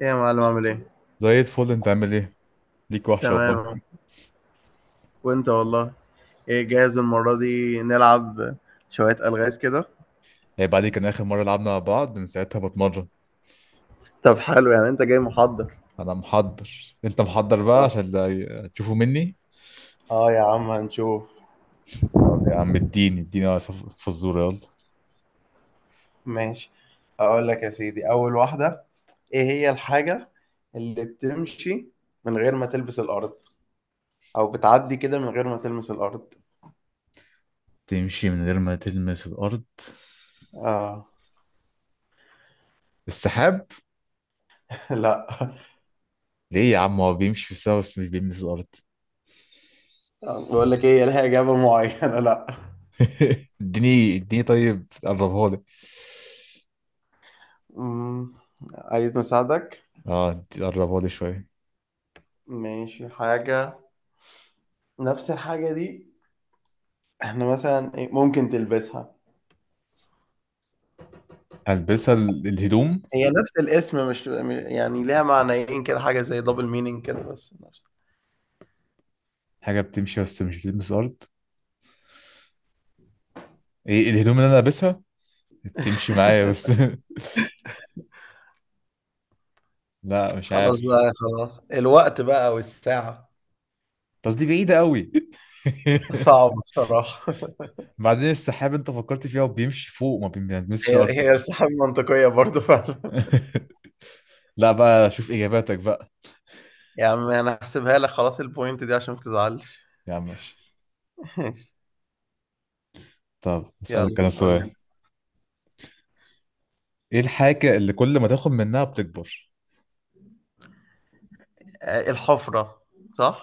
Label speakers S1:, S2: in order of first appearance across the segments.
S1: ايه يا معلم، عامل ايه؟
S2: زي الفل، انت عامل ايه؟ ليك وحشه والله.
S1: تمام. وانت والله. ايه جاهز المرة دي نلعب شوية ألغاز كده؟
S2: هي بعد كان اخر مره لعبنا مع بعض، من ساعتها بتمرن.
S1: طب حلو، يعني انت جاي محضر؟
S2: انا محضر. انت محضر بقى
S1: صح.
S2: عشان تشوفوا مني.
S1: اه، يا عم هنشوف.
S2: طب يا عم، اديني اديني فزوره يلا.
S1: ماشي، اقول لك يا سيدي اول واحدة. ايه هي الحاجة اللي بتمشي من غير ما تلبس الارض، او بتعدي كده من غير ما تلمس الارض؟
S2: تمشي من غير ما تلمس الارض؟
S1: اه.
S2: السحاب.
S1: لا.
S2: ليه يا عم، هو بيمشي في السما بس مش بيلمس الارض.
S1: بقول لك ايه، لها اجابة معينة، لا.
S2: اديني اديني طيب، قربها لي.
S1: امم عايز نساعدك؟
S2: اه، قربها لي شويه.
S1: ماشي. حاجة، نفس الحاجة دي. إحنا مثلًا إيه، ممكن تلبسها،
S2: هلبسها الهدوم.
S1: هي نفس الاسم، مش يعني ليها معنيين كده، حاجة زي double meaning كده، بس نفس.
S2: حاجه بتمشي بس مش بتلمس الارض. ايه، الهدوم اللي انا لابسها بتمشي معايا بس. لا، مش
S1: خلاص
S2: عارف.
S1: بقى، خلاص، الوقت بقى والساعة.
S2: بس دي بعيدة قوي.
S1: صعب بصراحة.
S2: بعدين السحاب انت فكرت فيها، وبيمشي فوق ما بيلمسش
S1: هي
S2: الارض.
S1: هي الساعة منطقية برضه فعلًا.
S2: لا بقى، شوف اجاباتك بقى.
S1: يا عم، أنا هاحسبها لك خلاص الpoint دي عشان ما تزعلش.
S2: يا عم ماشي.
S1: ماشي،
S2: طب
S1: يالّا
S2: اسألك انا
S1: قُل لي.
S2: سؤال. ايه الحاجة اللي كل ما تاخد منها بتكبر؟
S1: الحفرة. صح؟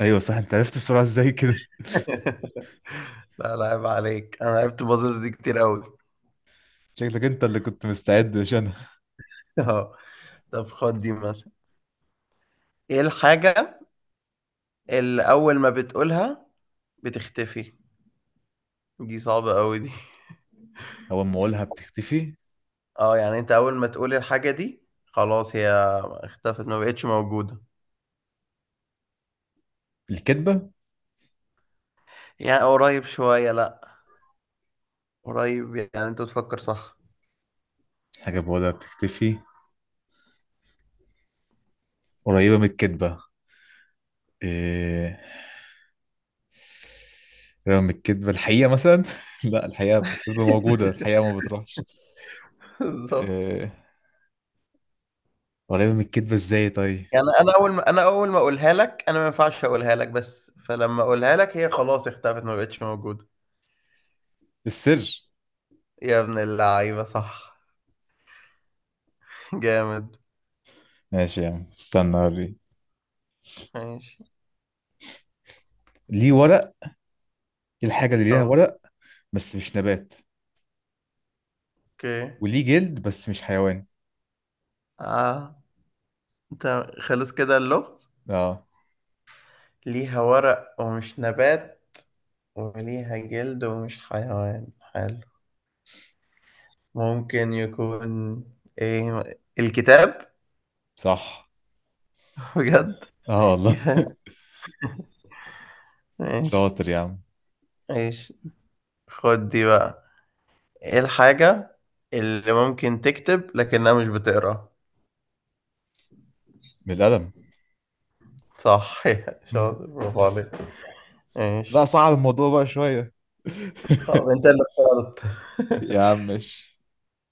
S2: ايوه صح، انت عرفت بسرعة ازاي كده.
S1: لا، لا عيب عليك، أنا لعبت puzzles دي كتير أوي.
S2: شكلك انت اللي كنت مستعد، مش انا.
S1: آه، طب خُد دي مثلًا، إيه الحاجة اللي أول ما بتقولها بتختفي؟ دي صعبة قوي دي.
S2: اول ما اقولها بتختفي.
S1: اه، يعني انت اول ما تقولي الحاجة دي خلاص هي اختفت، ما بقتش موجودة.
S2: الكدبة.
S1: يعني قريب شوية، لا. قريب، يعني انت بتفكر صح.
S2: حاجة بقولها بتختفي، قريبة من الكدبة. إيه، رغم الكذب الحقيقة مثلا. لا، الحقيقة بتبقى موجودة، الحقيقة ما بتروحش.
S1: بالظبط.
S2: أه... ولا من الكذبة ازاي طيب؟
S1: يعني انا اول ما اقولها لك، انا ما ينفعش اقولها لك، بس فلما اقولها لك هي خلاص اختفت، ما بقتش موجودة.
S2: السر.
S1: يا ابن اللعيبة، صح. جامد.
S2: ماشي يا عم، استنى اوريك.
S1: ماشي.
S2: ليه ورق. إيه الحاجة اللي ليها ورق بس مش نبات،
S1: اوكي.
S2: وليه جلد بس مش حيوان؟
S1: اه، انت خلص كده اللغز؟
S2: اه،
S1: ليها ورق ومش نبات، وليها جلد ومش حيوان. حلو. ممكن يكون ايه؟ الكتاب.
S2: صح.
S1: بجد؟
S2: اه والله.
S1: ماشي،
S2: شاطر يا عم.
S1: ماشي. خد دي بقى، ايه الحاجة اللي ممكن تكتب لكنها مش بتقرا؟
S2: من القلم.
S1: صح.
S2: مم.
S1: شاطر، برافو عليك.
S2: لا،
S1: ماشي.
S2: صعب الموضوع بقى شوية.
S1: طب انت اللي اخترت.
S2: يا عم ماشي.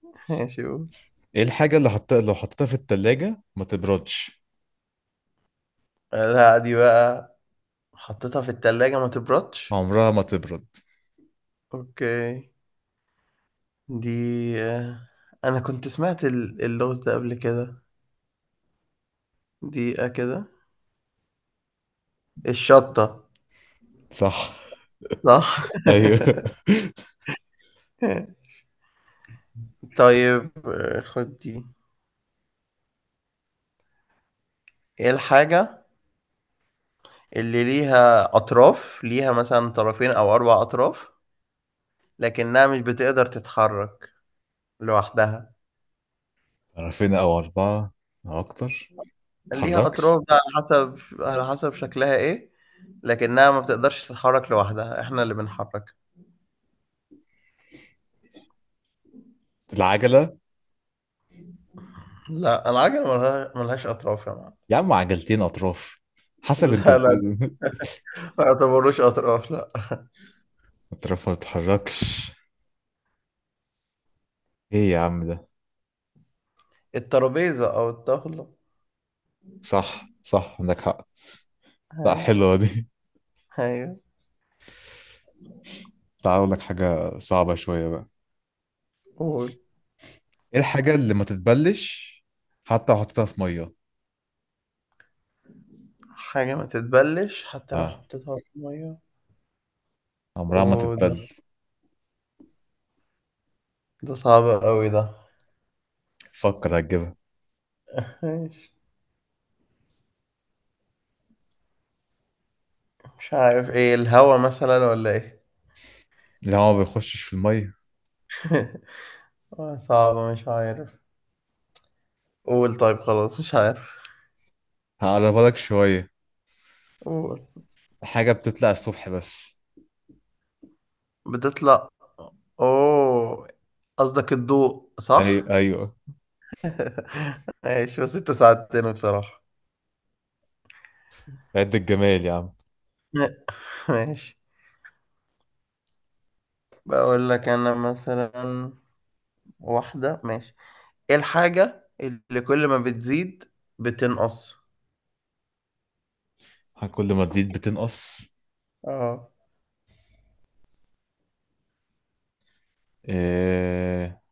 S1: ماشي، قول.
S2: ايه الحاجة اللي حطيتها، لو حطيتها في التلاجة ما تبردش؟
S1: لا، دي بقى حطيتها في التلاجة ما تبردش؟
S2: عمرها ما تبرد.
S1: اوكي، دي آه، انا كنت سمعت اللغز ده قبل كده. دقيقة كده. الشطة.
S2: صح.
S1: صح؟
S2: ايوه.
S1: طيب، آه، خد دي. ايه الحاجة اللي ليها أطراف، ليها مثلا طرفين أو أربع أطراف، لكنها مش بتقدر تتحرك لوحدها؟
S2: طرفين او اربعه او اكتر،
S1: ليها
S2: متتحركش.
S1: أطراف بقى على حسب شكلها ايه، لكنها ما بتقدرش تتحرك لوحدها، احنا اللي بنحركها.
S2: العجله.
S1: لا، العجلة ملهاش أطراف يا معلم.
S2: يا عم عجلتين اطراف، حسب انت
S1: لا، لا.
S2: بتقول.
S1: ما يعتبروش أطراف، لا.
S2: اطرافها متتحركش، ايه يا عم ده؟
S1: الترابيزة أو الطاولة.
S2: صح صح، عندك حق. لا،
S1: هاي.
S2: حلوه دي.
S1: هاي.
S2: تعال اقول لك حاجه صعبه شويه بقى.
S1: قول.
S2: ايه الحاجه اللي ما تتبلش حتى لو حطيتها في ميه؟
S1: حاجة ما تتبلش حتى لو
S2: اه،
S1: حطيتها في المية؟
S2: عمرها ما
S1: وده،
S2: تتبل.
S1: ده صعب قوي ده.
S2: فكر هتجيبها.
S1: مش مش عارف، ايه الهوا مثلا ولا ايه؟
S2: لا، هو ما بيخشش في الميه.
S1: آه، صعبة. مش عارف. قول. طيب خلاص، مش عارف.
S2: هقربها لك شويه.
S1: قول.
S2: حاجه بتطلع الصبح بس.
S1: بتطلع. اوه، قصدك الضوء.
S2: ايوه
S1: صح؟
S2: ايوه.
S1: ماشي، بس انت ساعدتني بصراحة.
S2: عد الجمال يا عم.
S1: ماشي. بقول لك انا، مثلا واحدة. ماشي، ايه الحاجة اللي كل ما بتزيد بتنقص؟
S2: كل ما تزيد بتنقص.
S1: اه.
S2: إيه...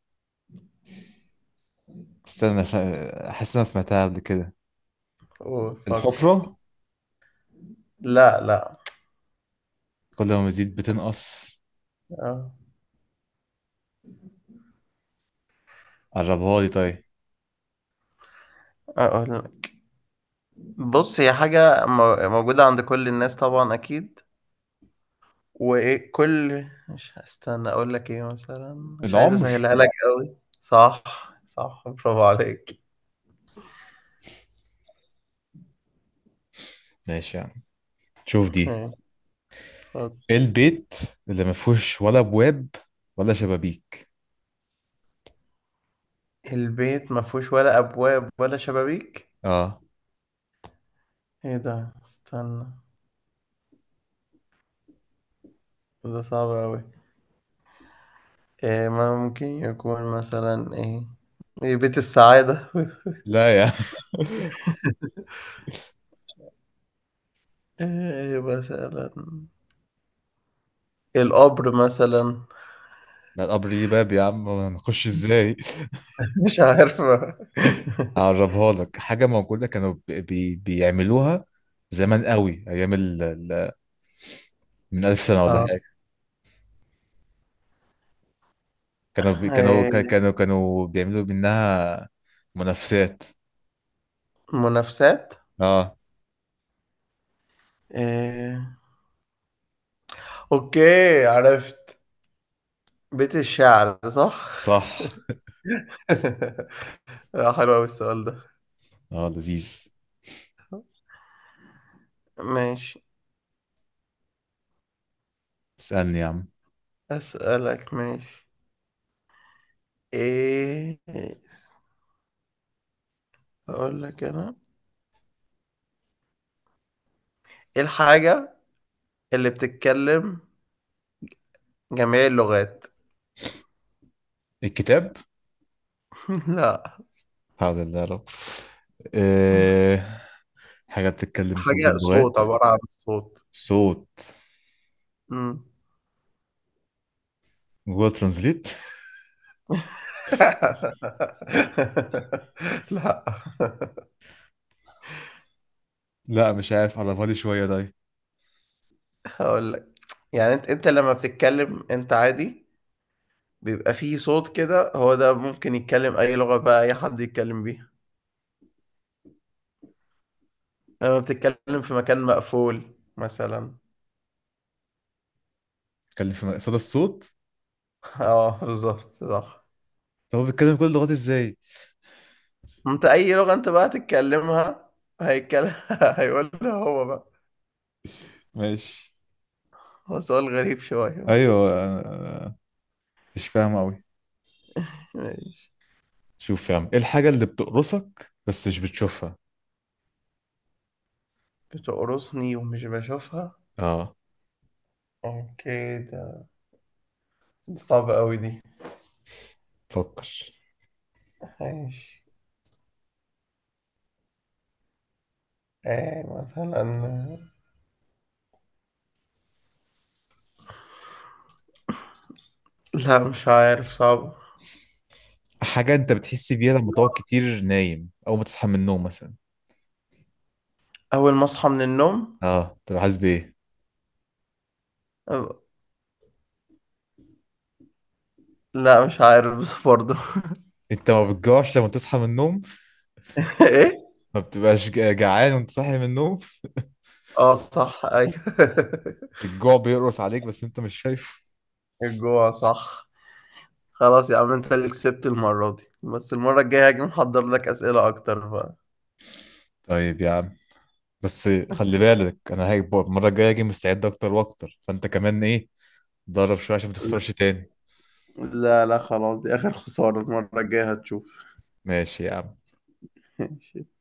S2: استنى. احس إن انا سمعتها قبل كده.
S1: قول، فكر.
S2: الحفرة.
S1: لا، لا.
S2: كل ما تزيد بتنقص.
S1: أه.
S2: قربها لي طيب.
S1: أقول. بص، هي حاجة موجودة عند كل الناس طبعا أكيد، وإيه، كل مش هستنى أقول لك إيه مثلا، مش عايز
S2: العمر.
S1: أسهلها لك أوي. صح. صح، برافو عليك.
S2: ماشي يا عم، شوف دي.
S1: ماشي، خد.
S2: ايه البيت اللي ما فيهوش ولا ابواب ولا شبابيك؟
S1: البيت ما فيهوش ولا أبواب ولا شبابيك؟
S2: اه.
S1: إيه ده، استنى. ده صعب أوي. إيه، ما ممكن يكون مثلا إيه؟ إيه، بيت السعادة؟
S2: لا يا.
S1: إيه مثلا، القبر مثلا؟
S2: ده القبر ليه باب يا عم، ما نخش ازاي.
S1: مش عارف.
S2: هقربها لك. حاجة موجودة كانوا بيعملوها زمان قوي، ايام من 1000 سنة ولا
S1: اه،
S2: حاجة. كانوا بي... كانوا
S1: إيه،
S2: كا- كانوا كانوا بيعملوا منها منافسات.
S1: منافسات.
S2: اه،
S1: إيه. اوكي، عرفت. بيت الشعر. صح؟
S2: صح.
S1: آه، حلو قوي السؤال ده.
S2: اه لذيذ.
S1: ماشي.
S2: اسألني يا عم.
S1: اسالك، ماشي. ايه، اقول لك انا. ايه الحاجة اللي بتتكلم جميع اللغات؟
S2: الكتاب.
S1: لا.
S2: حول الله يا رب. أه... حاجة بتتكلم كل
S1: حاجة صوت،
S2: اللغات.
S1: عبارة عن صوت.
S2: صوت.
S1: مم.
S2: جوجل ترانزليت.
S1: لا.
S2: لا، مش عارف، على بالي شوية ده.
S1: هقول لك، يعني انت لما بتتكلم انت عادي، بيبقى فيه صوت كده، هو ده ممكن يتكلم اي لغة، بقى اي حد يتكلم بيها لما بتتكلم في مكان مقفول مثلا.
S2: بيتكلم في صدى الصوت.
S1: اه، بالظبط. صح.
S2: طب هو بيتكلم كل اللغات ازاي؟
S1: انت اي لغة انت بقى تتكلمها، هيتكلم. هيقولها هو بقى.
S2: ماشي.
S1: هو سؤال غريب شوية.
S2: ايوه. أنا مش فاهم قوي.
S1: ماشي.
S2: شوف فاهم ايه الحاجة اللي بتقرصك بس مش بتشوفها؟
S1: بتقرصني ومش بشوفها؟
S2: اه.
S1: اوكي، ده صعب قوي دي.
S2: فكر.
S1: ماشي. ايه مثلا؟ لا، مش عارف، صعب.
S2: حاجة انت بتحس بيها لما تقعد كتير نايم او ما تصحى من النوم مثلا.
S1: أول ما أصحى من النوم؟
S2: اه، طب حاسس بايه؟
S1: أ- لا، مش عارف بس برضه.
S2: انت ما بتجوعش لما تصحى من النوم.
S1: إيه؟
S2: ما بتبقاش جعان وانت صاحي من النوم.
S1: آه، صح، أيوه.
S2: الجوع بيقرص عليك بس انت مش شايفه.
S1: الجوع. صح. خلاص يا عم، أنت اللي كسبت المرة دي، بس المرة الجاية هاجي محضر لك أسئلة أكتر بقى.
S2: طيب يا عم، بس خلي بالك انا هاجي المرة الجاية اجي مستعد اكتر واكتر، فانت كمان ايه، اتدرب شوية عشان ما
S1: لا.
S2: تخسرش تاني.
S1: لا، لا، خلاص. دي آخر خسارة، المرة الجاية هتشوف.
S2: ماشي يا عم.